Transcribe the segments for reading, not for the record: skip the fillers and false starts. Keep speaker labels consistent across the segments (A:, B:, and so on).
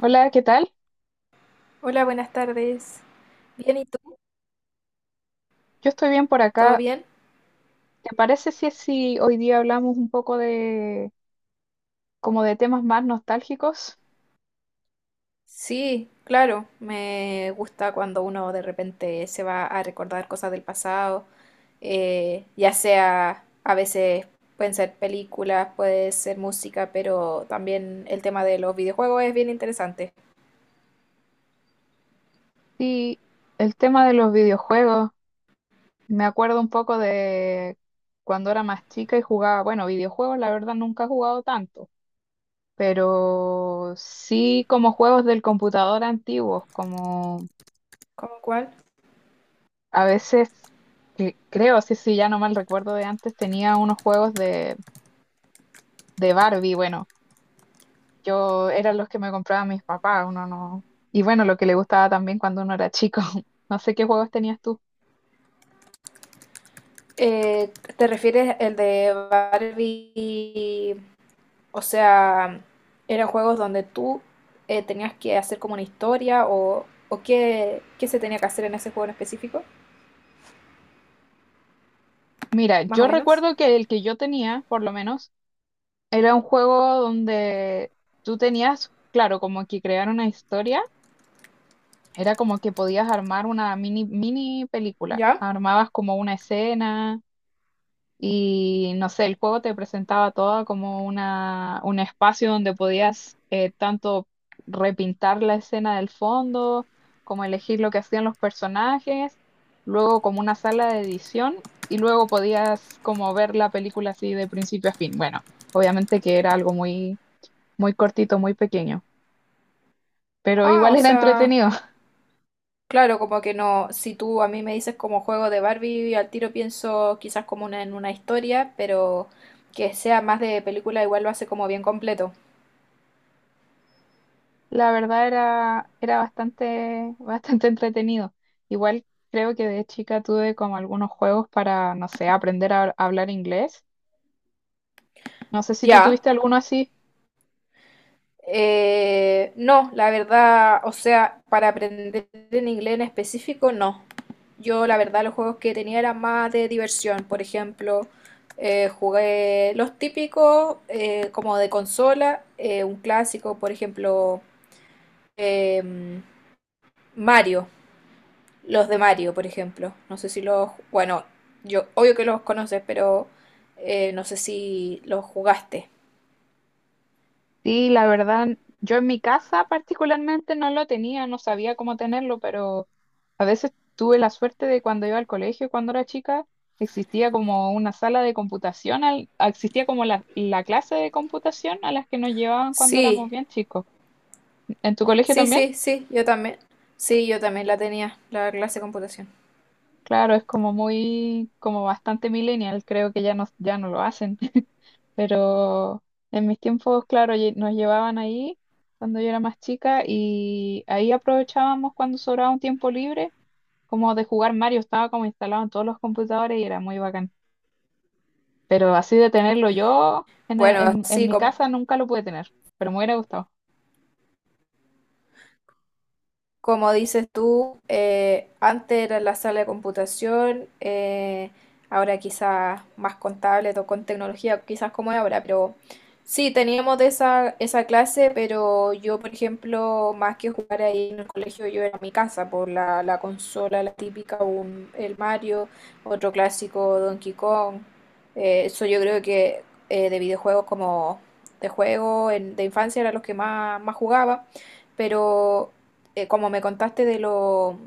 A: Hola, ¿qué tal?
B: Hola, buenas tardes. ¿Bien y tú?
A: Yo estoy bien por
B: ¿Todo
A: acá.
B: bien?
A: ¿Te parece si hoy día hablamos un poco de como de temas más nostálgicos?
B: Sí, claro, me gusta cuando uno de repente se va a recordar cosas del pasado, ya sea a veces pueden ser películas, puede ser música, pero también el tema de los videojuegos es bien interesante.
A: Sí, el tema de los videojuegos. Me acuerdo un poco de cuando era más chica y jugaba, bueno, videojuegos la verdad nunca he jugado tanto, pero sí como juegos del computador antiguos, como
B: ¿Cómo cuál?
A: a veces, que creo, ya no mal recuerdo de antes, tenía unos juegos de Barbie, bueno. Yo eran los que me compraban mis papás, uno no. Y bueno, lo que le gustaba también cuando uno era chico. No sé qué juegos tenías tú.
B: Eh, ¿Te refieres el de Barbie? O sea, eran juegos donde tú tenías que hacer como una historia o qué, qué se tenía que hacer en ese juego en específico,
A: Mira,
B: más o
A: yo
B: menos.
A: recuerdo que el que yo tenía, por lo menos, era un juego donde tú tenías, claro, como que crear una historia. Era como que podías armar una mini película.
B: ¿Ya?
A: Armabas como una escena. Y no sé, el juego te presentaba todo como una, un espacio donde podías tanto repintar la escena del fondo, como elegir lo que hacían los personajes, luego como una sala de edición y luego podías como ver la película así de principio a fin. Bueno, obviamente que era algo muy, muy cortito, muy pequeño, pero
B: Ah,
A: igual
B: o
A: era
B: sea,
A: entretenido.
B: claro, como que no, si tú a mí me dices como juego de Barbie, al tiro pienso quizás como una, en una historia, pero que sea más de película igual lo hace como bien completo.
A: La verdad era bastante, bastante entretenido. Igual creo que de chica tuve como algunos juegos para, no sé, aprender a, hablar inglés. No sé si tú
B: Ya.
A: tuviste alguno así.
B: No, la verdad, o sea, para aprender en inglés en específico, no. Yo, la verdad, los juegos que tenía eran más de diversión. Por ejemplo, jugué los típicos como de consola, un clásico, por ejemplo, em, Mario, los de Mario, por ejemplo. No sé si los, bueno, yo obvio que los conoces, pero no sé si los jugaste.
A: Sí, la verdad, yo en mi casa particularmente no lo tenía, no sabía cómo tenerlo, pero a veces tuve la suerte de cuando iba al colegio, cuando era chica, existía como una sala de computación, existía como la clase de computación a las que nos llevaban cuando éramos
B: Sí,
A: bien chicos. ¿En tu colegio
B: sí,
A: también?
B: sí, sí, yo también. Sí, yo también la tenía, la clase de computación.
A: Claro, es como muy, como bastante millennial, creo que ya no lo hacen, pero en mis tiempos, claro, nos llevaban ahí cuando yo era más chica y ahí aprovechábamos cuando sobraba un tiempo libre, como de jugar Mario, estaba como instalado en todos los computadores y era muy bacán, pero así de tenerlo yo
B: Bueno,
A: en
B: sí,
A: mi
B: como
A: casa nunca lo pude tener, pero me hubiera gustado.
B: como dices tú, antes era la sala de computación, ahora quizás más contable o con tecnología, quizás como es ahora, pero sí, teníamos de esa, esa clase, pero yo, por ejemplo, más que jugar ahí en el colegio, yo era en mi casa por la, la consola, la típica, un, el Mario, otro clásico, Donkey Kong. Eso yo creo que de videojuegos como de juego en- de infancia era los que más, más jugaba, pero como me contaste de lo,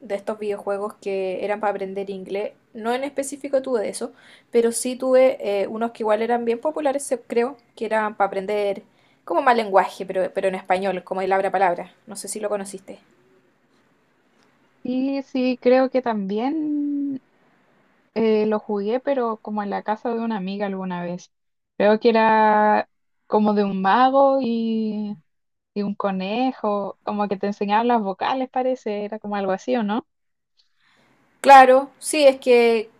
B: de estos videojuegos que eran para aprender inglés, no en específico tuve de eso, pero sí tuve unos que igual eran bien populares, se- creo, que eran para aprender como más lenguaje, pero en español, como el abra palabra. No sé si lo conociste.
A: Y sí, creo que también. Lo jugué, pero como en la casa de una amiga alguna vez. Creo que era como de un mago y un conejo, como que te enseñaban las vocales, parece, era como algo así, ¿o no?
B: Claro, sí, es que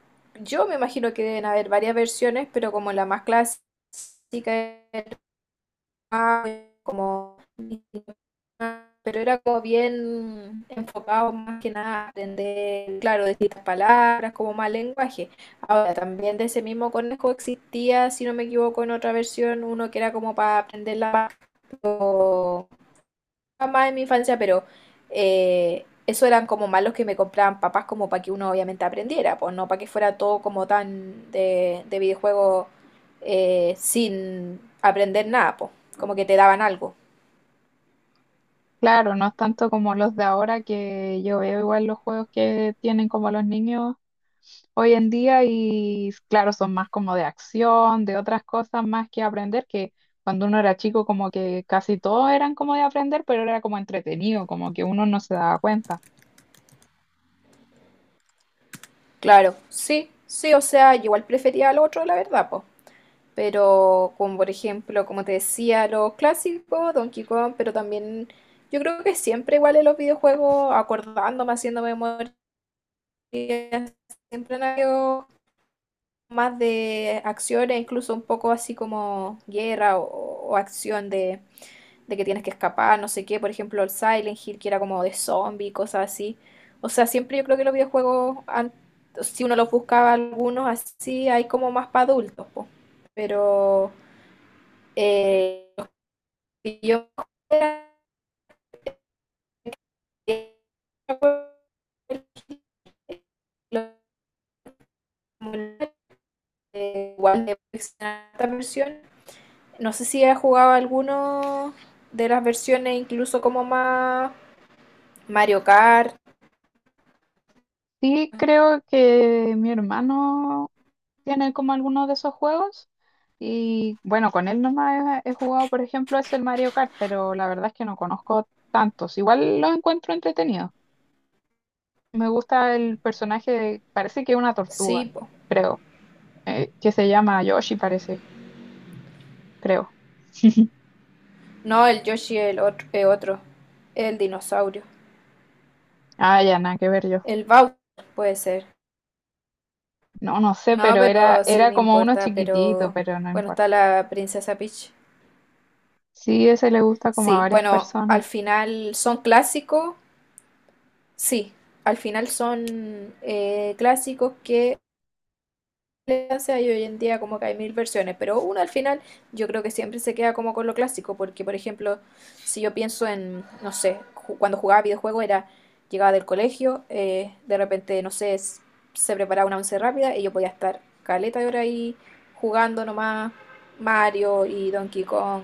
B: yo me imagino que deben haber varias versiones, pero como la más clásica era, como pero era como bien enfocado más que nada a aprender, claro, distintas palabras, como más lenguaje. Ahora, también de ese mismo conejo existía, si no me equivoco, en otra versión, uno que era como para aprender la paz, más en mi infancia, pero eso eran como malos que me compraban papás como para que uno obviamente aprendiera, pues no para que fuera todo como tan de videojuego sin aprender nada, pues como que te daban algo.
A: Claro, no es tanto como los de ahora que yo veo igual los juegos que tienen como los niños hoy en día y claro, son más como de acción, de otras cosas más que aprender, que cuando uno era chico como que casi todos eran como de aprender, pero era como entretenido, como que uno no se daba cuenta.
B: Claro, sí, sí, o sea, yo igual prefería al otro, la verdad, pues. Pero, como por ejemplo, como te decía, los clásicos, Donkey Kong, pero también yo creo que siempre igual en los videojuegos, acordándome, haciendo memoria, siempre han habido más de acciones, incluso un poco así como guerra o acción de que tienes que escapar, no sé qué, por ejemplo, el Silent Hill, que era como de zombie, cosas así. O sea, siempre yo creo que los videojuegos, an- si uno los buscaba algunos así, hay como más para adultos, po. Pero los que yo era- igual de esta versión. No sé si has jugado alguno de las versiones, incluso como más Mario Kart,
A: Sí, creo que mi hermano tiene como algunos de esos juegos y bueno, con él nomás he jugado, por ejemplo, es el Mario Kart, pero la verdad es que no conozco tantos. Igual los encuentro entretenidos. Me gusta el personaje, parece que es una
B: sí,
A: tortuga,
B: po.
A: creo, que se llama Yoshi, parece, creo.
B: No, el Yoshi es el otro, el otro, el dinosaurio.
A: Ah, ya, nada que ver yo.
B: El Bowser puede ser.
A: No, no sé,
B: No,
A: pero era,
B: pero sí,
A: era
B: no
A: como uno
B: importa,
A: chiquitito,
B: pero
A: pero no
B: bueno, está
A: importa.
B: la princesa Peach.
A: Sí, ese le gusta como a
B: Sí,
A: varias
B: bueno, al
A: personas.
B: final son clásicos, sí, al final son clásicos que elegancia y hoy en día como que hay mil versiones, pero uno al final yo creo que siempre se queda como con lo clásico, porque por ejemplo, si yo pienso en, no sé, ju- cuando jugaba videojuego era, llegaba del colegio, de repente, no sé, s- se preparaba una once rápida y yo podía estar caleta de hora ahí jugando nomás Mario y Donkey Kong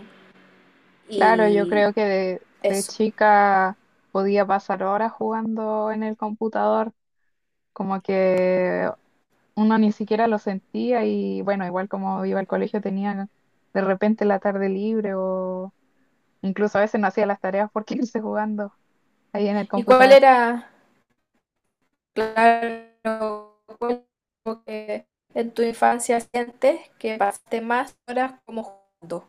A: Claro, yo
B: y
A: creo que de
B: eso.
A: chica podía pasar horas jugando en el computador, como que uno ni siquiera lo sentía y bueno, igual como iba al colegio tenía de repente la tarde libre o incluso a veces no hacía las tareas por irse jugando ahí en el
B: ¿Y cuál
A: computador.
B: era, claro, cuál como que en tu infancia sientes que pasaste más horas como jugando?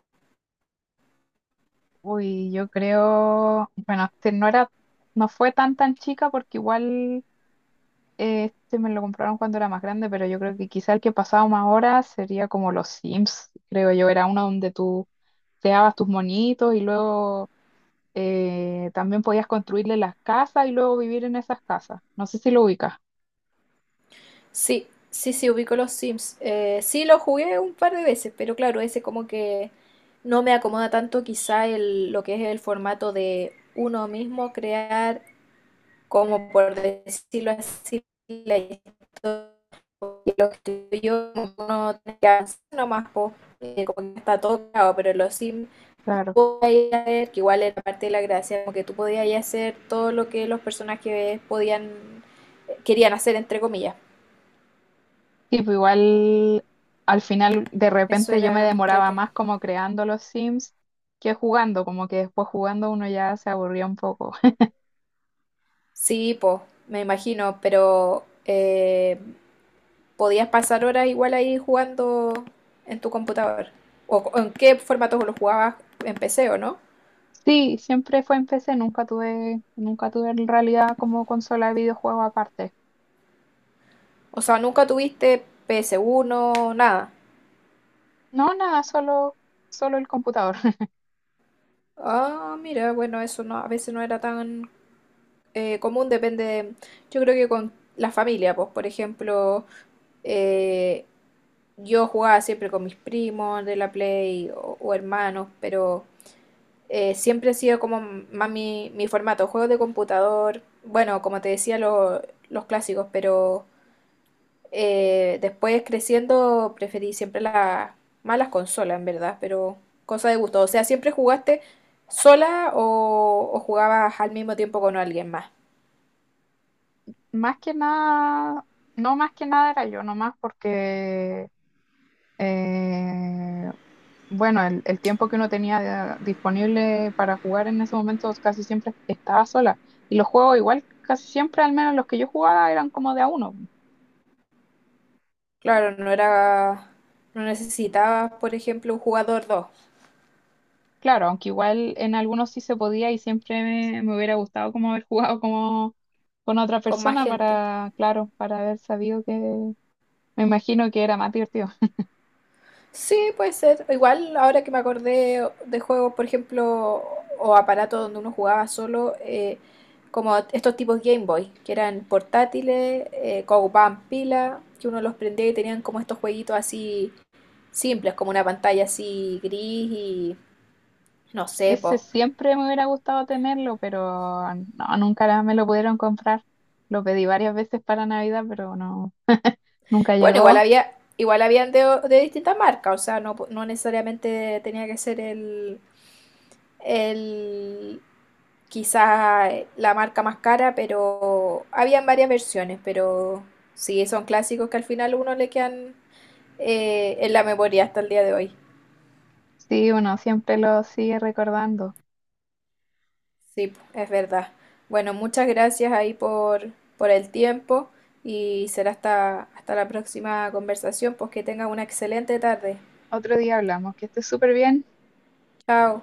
A: Uy, yo creo, bueno, este, no fue tan tan chica porque igual este me lo compraron cuando era más grande, pero yo creo que quizá el que pasaba más horas sería como los Sims, creo yo. Era uno donde tú creabas tus monitos y luego también podías construirle las casas y luego vivir en esas casas. No sé si lo ubicas.
B: Sí, sí, sí, ubico los Sims. Sí, lo jugué un par de veces, pero claro, ese como que no me acomoda tanto quizá el, lo que es el formato de uno mismo crear, como por decirlo así, la historia, porque lo que yo no tiene que hacer nomás, po, como que está todo creado, pero en los Sims
A: Claro.
B: podía ver que igual era parte de la gracia, como que tú podías ahí hacer todo lo que los personajes podían, querían hacer, entre comillas.
A: Sí, pues igual al final de
B: Eso
A: repente yo me
B: era
A: demoraba
B: entrete.
A: más como creando los Sims que jugando, como que después jugando uno ya se aburría un poco.
B: Sí, po, me imagino, pero podías pasar horas igual ahí jugando en tu computador. ¿O co- en qué formato lo jugabas, en PC o no?
A: Sí, siempre fue en PC, nunca tuve en realidad como consola de videojuego aparte.
B: O sea, nunca tuviste ps uno nada.
A: No, nada, solo, solo el computador.
B: Ah, mira, bueno, eso no, a veces no era tan común, depende de- yo creo que con la familia, pues, por ejemplo, eh, yo jugaba siempre con mis primos de la Play o hermanos, pero... siempre ha sido como más mi, mi formato, juegos de computador, bueno, como te decía, lo- los clásicos, pero después creciendo preferí siempre las más las consolas, en verdad, pero cosa de gusto. O sea, ¿siempre jugaste sola o jugabas al mismo tiempo con alguien más?
A: Más que nada, no más que nada era yo, nomás porque, eh, bueno, el tiempo que uno tenía disponible para jugar en ese momento casi siempre estaba sola. Y los juegos igual, casi siempre, al menos los que yo jugaba, eran como de a uno.
B: Claro, no era, no necesitabas, por ejemplo, un jugador dos
A: Claro, aunque igual en algunos sí se podía y siempre me hubiera gustado como haber jugado como con otra
B: con más
A: persona
B: gente.
A: para, claro, para haber sabido que, me imagino que era más divertido.
B: Sí, puede ser. Igual ahora que me acordé de juegos, por ejemplo, o aparatos donde uno jugaba solo, como estos tipos Game Boy, que eran portátiles, que ocupaban pila, que uno los prendía y tenían como estos jueguitos así simples, como una pantalla así gris y no sé, pues.
A: Ese siempre me hubiera gustado tenerlo, pero no, nunca la- me lo pudieron comprar. Lo pedí varias veces para Navidad, pero no, nunca
B: Bueno, igual
A: llegó.
B: había, igual habían de distintas marcas, o sea, no, no necesariamente tenía que ser el quizás la marca más cara, pero habían varias versiones, pero sí, son clásicos que al final a uno le quedan en la memoria hasta el día de hoy.
A: Sí, uno siempre lo sigue recordando.
B: Sí, po, es verdad. Bueno, muchas gracias ahí por el tiempo y será hasta, hasta la próxima conversación, pues que tengan una excelente tarde.
A: Otro día hablamos, que estés súper bien.
B: Chao.